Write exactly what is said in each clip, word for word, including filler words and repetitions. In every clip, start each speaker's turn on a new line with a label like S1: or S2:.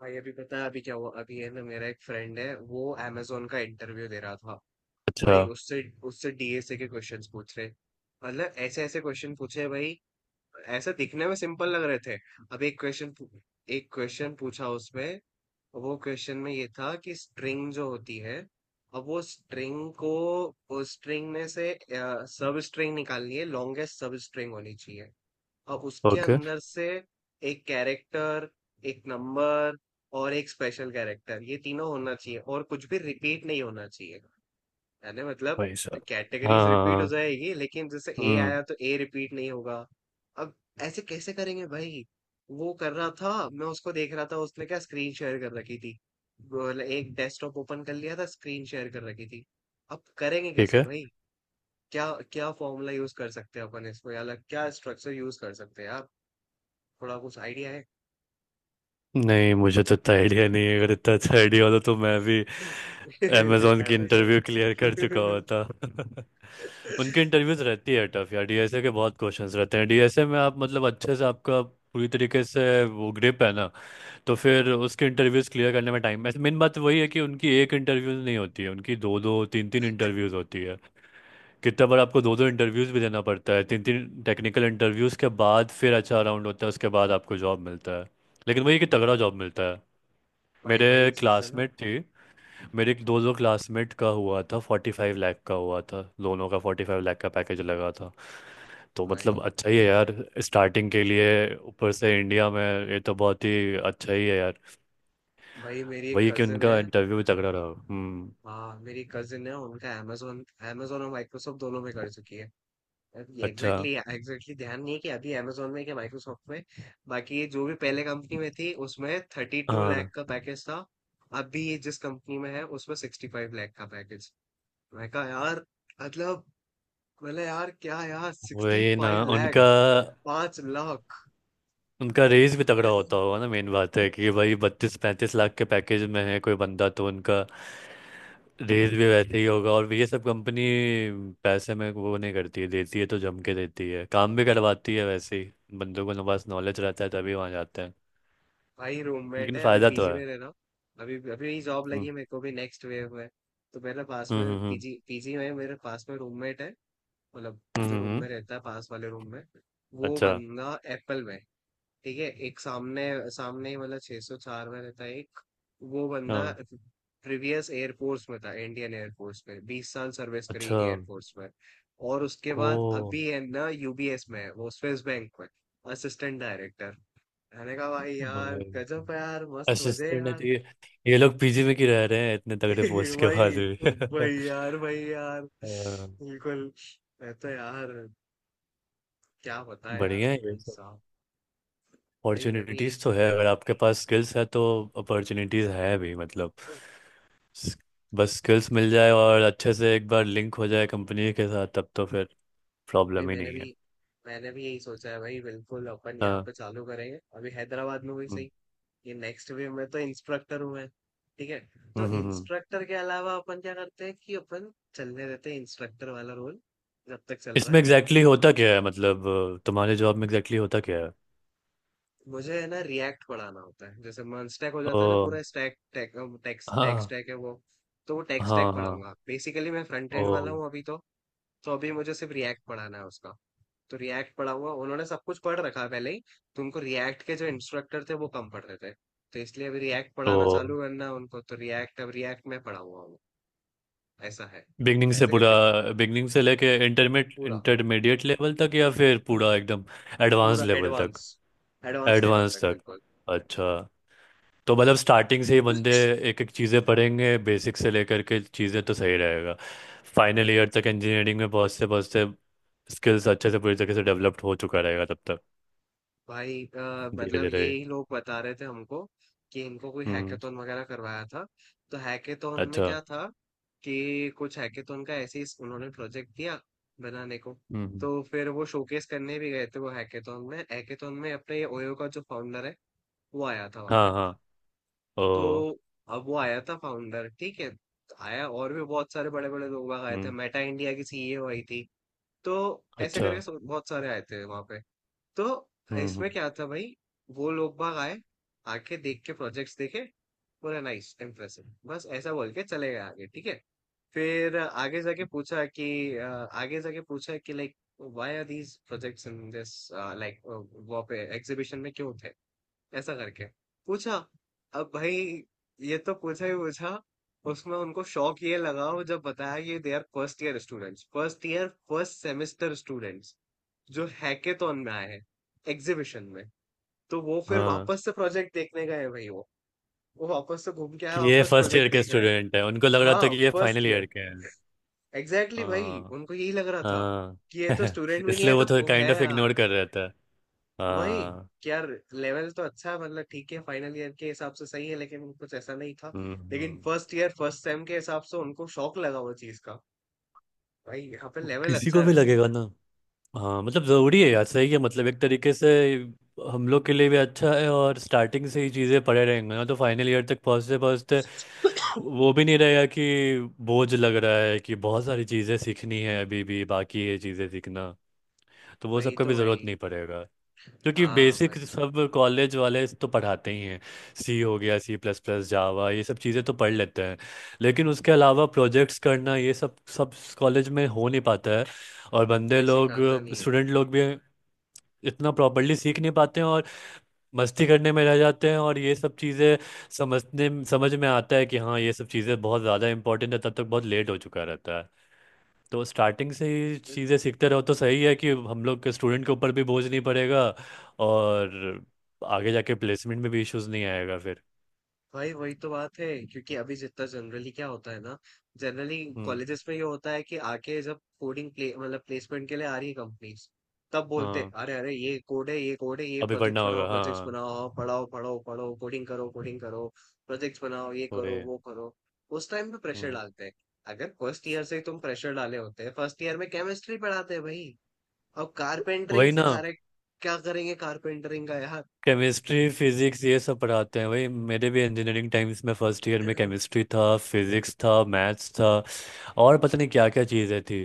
S1: भाई अभी पता है अभी क्या हुआ। अभी है ना, मेरा एक फ्रेंड है, वो amazon का इंटरव्यू दे रहा था।
S2: अच्छा।
S1: भाई उससे उससे डी एस ए के क्वेश्चंस पूछ रहे। मतलब ऐसे ऐसे क्वेश्चन पूछे भाई, ऐसा दिखने में सिंपल लग रहे थे। अब एक क्वेश्चन एक क्वेश्चन पूछा उसमें। वो क्वेश्चन में ये था कि स्ट्रिंग जो होती है, अब वो स्ट्रिंग को, उस स्ट्रिंग में से सब स्ट्रिंग निकालनी है, लॉन्गेस्ट सब स्ट्रिंग होनी चाहिए। और उसके
S2: ओके।
S1: अंदर से एक कैरेक्टर, एक नंबर और एक स्पेशल कैरेक्टर, ये तीनों होना चाहिए और कुछ भी रिपीट नहीं होना चाहिए। यानी मतलब
S2: भाई साहब। हाँ
S1: कैटेगरीज
S2: हाँ,
S1: रिपीट हो
S2: हाँ,
S1: जाएगी, लेकिन जैसे ए
S2: हम्म।
S1: आया तो ए रिपीट नहीं होगा। अब ऐसे कैसे करेंगे भाई? वो कर रहा था, मैं उसको देख रहा था। उसने क्या स्क्रीन शेयर कर रखी थी, बोले एक डेस्कटॉप ओपन कर लिया था, स्क्रीन शेयर कर रखी थी। अब करेंगे
S2: ठीक
S1: कैसे
S2: है।
S1: भाई? क्या क्या फॉर्मूला यूज कर सकते हैं अपन इसको, या अलग क्या स्ट्रक्चर यूज कर सकते हैं यार? थोड़ा कुछ आइडिया है?
S2: नहीं, मुझे तो इतना आइडिया नहीं है। अगर इतना अच्छा आइडिया होता तो मैं भी अमेजोन की
S1: अमेजोन।
S2: इंटरव्यू क्लियर कर चुका होता। उनकी इंटरव्यूज रहती है टफ यार। डीएसए के बहुत क्वेश्चंस रहते हैं। डीएसए में आप मतलब अच्छे से आपका पूरी तरीके से वो ग्रिप है ना। तो फिर उसके इंटरव्यूज क्लियर करने में टाइम। मेन बात वही है कि उनकी एक इंटरव्यू नहीं होती है, उनकी दो दो तीन तीन इंटरव्यूज होती है। कितना बार आपको दो दो इंटरव्यूज भी देना पड़ता है, तीन तीन टेक्निकल इंटरव्यूज के बाद फिर अच्छा राउंड होता है, उसके बाद आपको जॉब मिलता है। लेकिन वही कि तगड़ा जॉब मिलता है।
S1: भाई
S2: मेरे
S1: वही चीज है ना
S2: क्लासमेट थी। मेरे एक दो दो क्लासमेट का हुआ था, फोर्टी फाइव लाख का हुआ था, दोनों का फोर्टी फाइव लाख का पैकेज लगा था। तो मतलब
S1: भाई।
S2: अच्छा ही है यार, स्टार्टिंग के लिए। ऊपर से इंडिया में, ये तो बहुत ही अच्छा ही है यार।
S1: भाई मेरी एक
S2: वही कि
S1: कजिन है।
S2: उनका इंटरव्यू भी तगड़ा रहा। हम्म।
S1: हाँ, मेरी कजिन है, उनका amazon, amazon और माइक्रोसॉफ्ट दोनों में कर चुकी है।
S2: अच्छा।
S1: एग्जैक्टली एग्जैक्टली ध्यान नहीं कि अभी amazon में क्या माइक्रोसॉफ्ट में। बाकी ये जो भी पहले कंपनी में थी, उसमें थर्टी टू लैख
S2: हाँ,
S1: का पैकेज था। अभी ये जिस कंपनी में है, उसमें सिक्सटी फाइव लैख का पैकेज। मैं कहा यार, मतलब, मतलब यार क्या यार सिक्सटी
S2: वही ना
S1: फाइव
S2: उनका।
S1: लैख पांच लाख।
S2: उनका रेस भी तगड़ा होता होगा ना। मेन बात है कि भाई बत्तीस पैंतीस लाख के पैकेज में है कोई बंदा तो उनका रेस भी वैसे ही होगा। और ये सब कंपनी पैसे में वो नहीं करती है, देती है तो जम के देती है, काम भी करवाती है। वैसे ही बंदों को पास नॉलेज रहता है, तभी वहाँ जाते हैं।
S1: भाई रूममेट
S2: लेकिन
S1: है, अभी
S2: फायदा तो
S1: पीजी
S2: है।
S1: में रह रहा हूँ। अभी अभी यही जॉब लगी
S2: हम्म,
S1: है मेरे को भी, नेक्स्ट वेव है। तो मेरे पास
S2: हम्म,
S1: में
S2: हम्म, हम्म,
S1: पीजी पीजी में मेरे पास में रूममेट है। मतलब
S2: हम्म,
S1: जो
S2: हम्म,
S1: रूम
S2: हम्म।
S1: में रहता है, पास वाले रूम में, वो
S2: अच्छा।
S1: बंदा एप्पल में है, ठीक है। एक सामने, सामने ही मतलब छह सौ चार में रहता है एक। वो बंदा
S2: हाँ।
S1: प्रीवियस एयरफोर्स में था, इंडियन एयरफोर्स में बीस साल सर्विस करी
S2: अच्छा।
S1: एयरफोर्स में। और उसके बाद
S2: ओ।
S1: अभी है ना, यू बी एस में है वो, स्विस बैंक में, असिस्टेंट डायरेक्टर। मैंने कहा भाई यार
S2: भाई।
S1: गजब है यार, मस्त मजे हैं
S2: असिस्टेंट है
S1: यार।
S2: तो ये ये लोग पीजी में क्यों रह रहे हैं, इतने तगड़े पोस्ट के
S1: वही,
S2: बाद भी?
S1: वही यार, वही यार,
S2: हाँ,
S1: बिल्कुल। मैं तो यार क्या बताएं यार
S2: बढ़िया है ये
S1: भाई
S2: सब।
S1: साहब। भाई मैं भी यही।
S2: अपॉर्चुनिटीज तो है अगर आपके पास स्किल्स है तो। अपॉर्चुनिटीज है भी मतलब स- बस स्किल्स मिल जाए और अच्छे से एक बार लिंक हो जाए कंपनी के साथ, तब तो फिर
S1: भाई
S2: प्रॉब्लम ही
S1: मैंने
S2: नहीं
S1: भी
S2: है।
S1: मैंने भी यही सोचा है भाई, बिल्कुल अपन यहाँ
S2: हाँ,
S1: पे चालू करेंगे, अभी हैदराबाद में भी
S2: हम्म,
S1: सही। ये नेक्स्ट वे में तो इंस्ट्रक्टर हूँ मैं, ठीक है। तो
S2: हम्म, हम्म, हम्म।
S1: इंस्ट्रक्टर के अलावा अपन क्या करते हैं कि अपन चलने देते हैं इंस्ट्रक्टर वाला रोल, जब तक चल रहा
S2: इसमें
S1: है।
S2: एग्जैक्टली exactly होता क्या है, मतलब अ, तुम्हारे जॉब में एग्जैक्टली exactly होता क्या है?
S1: मुझे है ना रिएक्ट पढ़ाना होता है। जैसे मन स्टैक हो जाता है ना,
S2: ओ।
S1: पूरा स्टैक, टेक्स्ट टेक्स्ट
S2: हाँ
S1: स्टैक है वो। तो वो टेक्स्ट स्टैक
S2: हाँ हाँ।
S1: पढ़ाऊंगा। बेसिकली मैं फ्रंट
S2: ओ।
S1: एंड वाला हूँ अभी तो। तो अभी मुझे सिर्फ रिएक्ट पढ़ाना है उसका। तो रिएक्ट पढ़ा हुआ, उन्होंने सब कुछ पढ़ रखा है पहले ही। तुमको रिएक्ट के जो इंस्ट्रक्टर थे, वो कम पढ़ रहे थे। तो इसलिए अभी रिएक्ट
S2: ओ।
S1: पढ़ाना चालू करना है उनको। तो रिएक्ट, अब रिएक्ट में पढ़ा हुआ हूँ, ऐसा है।
S2: बिगनिंग
S1: तो
S2: से
S1: ऐसे
S2: पूरा?
S1: करके
S2: बिगनिंग से लेके इंटरमीडिएट
S1: पूरा,
S2: इंटरमीडिएट लेवल तक, या फिर पूरा एकदम एडवांस
S1: पूरा
S2: लेवल तक?
S1: एडवांस, एडवांस लेवल
S2: एडवांस
S1: तक
S2: तक।
S1: बिल्कुल।
S2: अच्छा। तो मतलब स्टार्टिंग से ही बंदे एक एक चीज़ें पढ़ेंगे, बेसिक से लेकर के चीज़ें, तो सही रहेगा। फाइनल ईयर तक इंजीनियरिंग में पहुँचते पहुँचते स्किल्स अच्छे से पूरी तरीके से डेवलप्ड हो चुका रहेगा तब तक।
S1: भाई अ,
S2: धीरे
S1: मतलब ये
S2: धीरे।
S1: ही लोग बता रहे थे हमको कि इनको कोई
S2: हम्म।
S1: हैकेथॉन वगैरह करवाया था। तो हैकेथॉन में
S2: अच्छा।
S1: क्या था, कि कुछ हैकेथॉन का ऐसे ही उन्होंने प्रोजेक्ट दिया बनाने को।
S2: हम्म।
S1: तो फिर वो शोकेस करने भी गए थे, वो हैकेथॉन में हैकेथॉन में अपने ये ओयो का जो फाउंडर है, वो आया था वहाँ पे।
S2: हाँ हाँ।
S1: तो
S2: ओ।
S1: अब वो आया था फाउंडर, ठीक है। आया और भी बहुत सारे बड़े बड़े लोग वहाँ आए थे,
S2: हम्म।
S1: मेटा इंडिया की सी ई ओ आई थी। तो ऐसे
S2: अच्छा।
S1: करके सब- बहुत सारे आए थे वहाँ पे। तो
S2: हम्म, हम्म,
S1: इसमें क्या था भाई, वो लोग बाग आए, आके देख के प्रोजेक्ट्स देखे, बोला नाइस, इम्प्रेसिव। बस ऐसा बोल के चले गए आगे, ठीक है। फिर आगे जाके पूछा कि अ, आगे जाके पूछा कि like why are these projects in this, like वो पे एग्जीबिशन में क्यों थे, ऐसा करके पूछा। अब भाई ये तो पूछा ही पूछा। उसमें उनको शौक ये लगा, वो जब बताया कि they are first year students, first year first semester students जो हैकेथॉन में आए हैं एग्जीबिशन में। तो वो फिर
S2: हाँ,
S1: वापस से प्रोजेक्ट देखने गए हैं भाई। वो वो वापस से घूम के आया,
S2: कि ये
S1: वापस
S2: फर्स्ट ईयर
S1: प्रोजेक्ट
S2: के
S1: देख रहे हैं।
S2: स्टूडेंट हैं, उनको लग रहा था
S1: हाँ,
S2: कि ये
S1: फर्स्ट
S2: फाइनल
S1: ईयर
S2: ईयर के हैं।
S1: एग्जैक्टली भाई,
S2: हाँ।
S1: उनको यही लग रहा था
S2: हाँ।
S1: कि ये तो स्टूडेंट भी नहीं
S2: इसलिए
S1: है।
S2: वो
S1: तो
S2: थोड़ा
S1: वो
S2: काइंड
S1: है
S2: ऑफ
S1: यार,
S2: इग्नोर कर रहे थे।
S1: वही
S2: हाँ।
S1: कि यार लेवल तो अच्छा है, मतलब ठीक है फाइनल ईयर के हिसाब से सही है, लेकिन कुछ ऐसा नहीं था।
S2: हम्म,
S1: लेकिन
S2: हम्म।
S1: फर्स्ट ईयर फर्स्ट सेम के हिसाब से उनको शौक लगा वो चीज का। भाई यहाँ पे लेवल
S2: किसी
S1: अच्छा
S2: को
S1: है
S2: भी
S1: वैसे,
S2: लगेगा ना। हाँ मतलब, ज़रूरी है यार, सही है मतलब, एक तरीके से। हम लोग के लिए भी अच्छा है, और स्टार्टिंग से ही चीज़ें पड़े रहेंगे ना तो फाइनल ईयर तक पहुँचते पहुँचते वो भी नहीं रहेगा कि बोझ लग रहा है, कि बहुत सारी चीज़ें सीखनी है, अभी भी बाकी है चीज़ें सीखना, तो वो सब
S1: वही
S2: का
S1: तो
S2: भी ज़रूरत
S1: भाई।
S2: नहीं पड़ेगा। क्योंकि
S1: हाँ भाई,
S2: बेसिक सब कॉलेज वाले तो पढ़ाते ही हैं। सी हो गया, सी प्लस प्लस, जावा, ये सब चीज़ें तो पढ़ लेते हैं। लेकिन उसके अलावा प्रोजेक्ट्स करना, ये सब सब कॉलेज में हो नहीं पाता है। और बंदे
S1: भाई
S2: लोग,
S1: सिखाता नहीं
S2: स्टूडेंट लोग भी इतना प्रॉपरली सीख नहीं पाते हैं और मस्ती करने में रह जाते हैं, और ये सब चीज़ें समझने समझ में आता है कि हाँ ये सब चीज़ें बहुत ज़्यादा इंपॉर्टेंट है, तब तक बहुत लेट हो चुका रहता है। तो स्टार्टिंग से ही
S1: है।
S2: चीज़ें सीखते रहो तो सही है, कि हम लोग के स्टूडेंट के ऊपर भी बोझ नहीं पड़ेगा, और आगे जाके प्लेसमेंट में भी इश्यूज नहीं आएगा फिर।
S1: भाई वही तो बात है, क्योंकि अभी जितना जनरली क्या होता है ना, जनरली
S2: हम्म।
S1: कॉलेजेस में ये होता है कि आके जब कोडिंग प्ले, मतलब प्लेसमेंट के लिए आ रही है कंपनीज, तब बोलते हैं
S2: हाँ,
S1: अरे अरे ये कोड है, ये कोड है, ये
S2: अभी पढ़ना
S1: प्रोजेक्ट्स बनाओ,
S2: होगा
S1: प्रोजेक्ट्स
S2: हाँ।
S1: बनाओ, हाँ, पढ़ाओ पढ़ाओ, पढ़ो कोडिंग करो, कोडिंग करो, प्रोजेक्ट्स बनाओ, ये करो
S2: वही।
S1: वो करो। उस टाइम पे प्रेशर
S2: हम्म।
S1: डालते हैं। अगर फर्स्ट ईयर से ही तुम प्रेशर डाले होते हैं, फर्स्ट ईयर में केमिस्ट्री पढ़ाते हैं भाई, अब कारपेंटरिंग
S2: वही
S1: सिखा
S2: ना।
S1: रहे, क्या करेंगे कारपेंटरिंग का यार?
S2: केमिस्ट्री, फिजिक्स, ये सब पढ़ाते हैं वही। मेरे भी इंजीनियरिंग टाइम्स में फर्स्ट ईयर में केमिस्ट्री था, फिजिक्स था, मैथ्स था, और पता नहीं क्या क्या चीज़ें थी।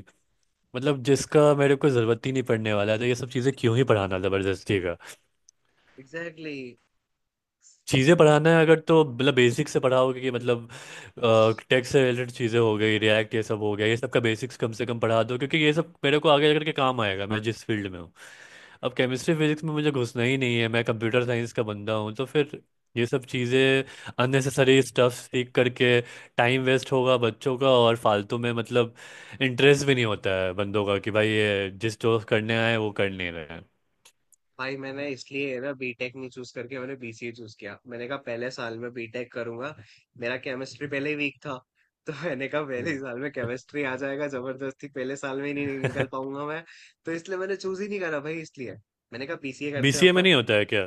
S2: मतलब जिसका मेरे को ज़रूरत ही नहीं पड़ने वाला था, ये सब चीज़ें क्यों ही पढ़ाना ज़बरदस्ती?
S1: एग्जैक्टली
S2: चीज़ें पढ़ाना है अगर, तो मतलब बेसिक से पढ़ाओगे कि मतलब। टेक्स्ट से रिलेटेड चीज़ें हो गई, रिएक्ट ये सब हो गया, ये सब का बेसिक्स कम से कम पढ़ा दो, क्योंकि ये सब मेरे को आगे जाकर के काम आएगा, मैं जिस फील्ड में हूँ। अब केमिस्ट्री फिजिक्स में मुझे घुसना ही नहीं है, मैं कंप्यूटर साइंस का बंदा हूँ तो फिर ये सब चीज़ें, अननेसेसरी स्टफ सीख करके टाइम वेस्ट होगा बच्चों का, और फालतू में मतलब इंटरेस्ट भी नहीं होता है बंदों का, कि भाई ये जिस जो करने आए वो कर नहीं रहे।
S1: भाई। मैंने इसलिए ना बी टेक नहीं चूज करके मैंने बी सी ए चूज किया। मैंने कहा पहले साल में बी टेक करूंगा, मेरा केमिस्ट्री पहले ही वीक था। तो मैंने कहा पहले ही
S2: हैं।
S1: साल में केमिस्ट्री आ जाएगा जबरदस्ती, पहले साल में ही नहीं निकल पाऊंगा मैं। तो इसलिए मैंने चूज ही नहीं करा भाई, इसलिए मैंने कहा बी सी ए करते हैं
S2: बीसीए में नहीं
S1: अपन।
S2: होता है।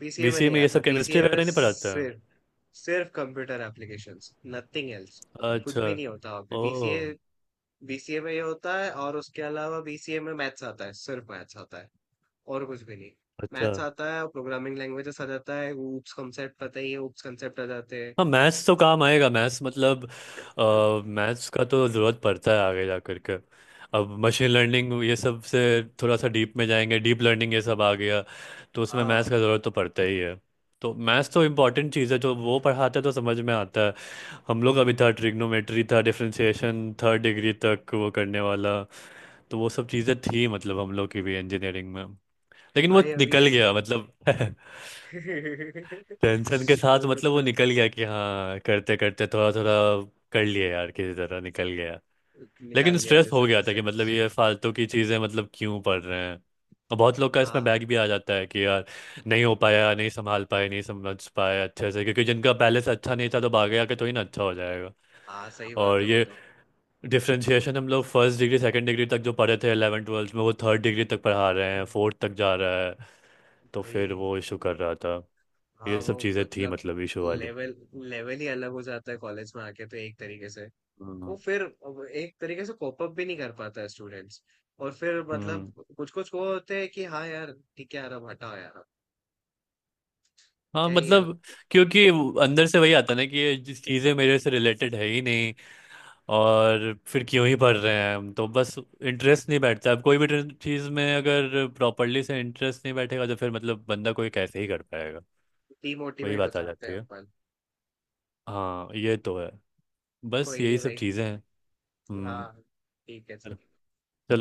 S1: बीसीए में
S2: बीसीए
S1: नहीं
S2: में ये
S1: आता,
S2: सब केमिस्ट्री
S1: बीसीए में
S2: वगैरह नहीं पढ़ाता है।
S1: सिर्फ, सिर्फ कंप्यूटर एप्लीकेशंस, नथिंग एल्स। कुछ
S2: अच्छा।
S1: भी नहीं होता वहाँ पे
S2: ओ।
S1: बी सी ए। बीसीए में ये होता है, और उसके अलावा बी सी ए में मैथ्स आता है, सिर्फ मैथ्स आता है, और कुछ भी नहीं।
S2: अच्छा।
S1: मैथ्स आता है, प्रोग्रामिंग लैंग्वेजेस आ जाता है, ऊप्स कंसेप्ट पता ही है, ऊप्स कंसेप्ट आ जाते हैं।
S2: हाँ, मैथ्स तो काम आएगा, मैथ्स मतलब, मैथ्स का तो ज़रूरत पड़ता है आगे जा कर के। अब मशीन लर्निंग ये सब से थोड़ा सा डीप में जाएंगे, डीप लर्निंग ये सब आ गया, तो उसमें मैथ्स
S1: हाँ
S2: का ज़रूरत तो पड़ता ही है। तो मैथ्स तो इम्पॉर्टेंट चीज़ है, जो वो पढ़ाते हैं तो समझ में आता है। हम लोग अभी था, ट्रिग्नोमेट्री था, डिफरेंशिएशन थर्ड डिग्री तक वो करने वाला, तो वो सब चीज़ें थी मतलब हम लोग की भी इंजीनियरिंग में। लेकिन वो
S1: भाई अभी
S2: निकल
S1: है।
S2: गया मतलब। टेंशन के साथ
S1: तो वो
S2: मतलब वो
S1: तो
S2: निकल गया, कि हाँ करते करते थोड़ा थोड़ा कर लिया यार, किसी तरह निकल गया।
S1: निकाल
S2: लेकिन
S1: लिया
S2: स्ट्रेस हो
S1: जैसे
S2: गया था,
S1: तैसे
S2: कि मतलब
S1: कुछ।
S2: ये फालतू की चीज़ें, मतलब क्यों पढ़ रहे हैं। और बहुत लोग का इसमें
S1: हाँ,
S2: बैग भी आ जाता है कि यार नहीं हो पाया, नहीं संभाल पाए, नहीं समझ पाए अच्छे से, क्योंकि जिनका पहले से अच्छा नहीं था तो आगे आके थोड़ी ना अच्छा हो जाएगा।
S1: हाँ सही बात
S2: और
S1: है वो
S2: ये
S1: तो।
S2: डिफ्रेंशिएशन हम लोग फर्स्ट डिग्री सेकंड डिग्री तक जो पढ़े थे इलेवन ट्वेल्थ में, वो थर्ड डिग्री तक पढ़ा रहे हैं, फोर्थ तक जा रहा है। तो फिर
S1: भाई
S2: वो इशू कर रहा था,
S1: हाँ
S2: ये
S1: वो
S2: सब चीज़ें थी
S1: मतलब
S2: मतलब इशू वाली।
S1: लेवल, लेवल ही अलग हो जाता है कॉलेज में आके तो, एक तरीके से। वो
S2: हम्म,
S1: फिर अब एक तरीके से कोप अप भी नहीं कर पाता है स्टूडेंट्स। और फिर मतलब
S2: हम्म।
S1: कुछ कुछ वो होते हैं कि हाँ यार, ठीक है यार, अब हटाओ यार,
S2: हाँ
S1: क्या ही अब।
S2: मतलब, क्योंकि अंदर से वही आता ना कि ये जिस चीज़ें मेरे से रिलेटेड है ही नहीं, और फिर क्यों ही पढ़ रहे हैं हम, तो बस इंटरेस्ट नहीं बैठता। अब कोई भी चीज़ में अगर प्रॉपरली से इंटरेस्ट नहीं बैठेगा, तो फिर मतलब बंदा कोई कैसे ही कर पाएगा। वही
S1: डिमोटिवेट हो
S2: बात आ
S1: जाते
S2: जाती
S1: हैं
S2: है।
S1: अपन।
S2: हाँ ये तो है। बस
S1: कोई नहीं
S2: यही सब
S1: भाई।
S2: चीज़ें हैं। हम्म।
S1: हाँ, ठीक है
S2: है
S1: सब।
S2: ना?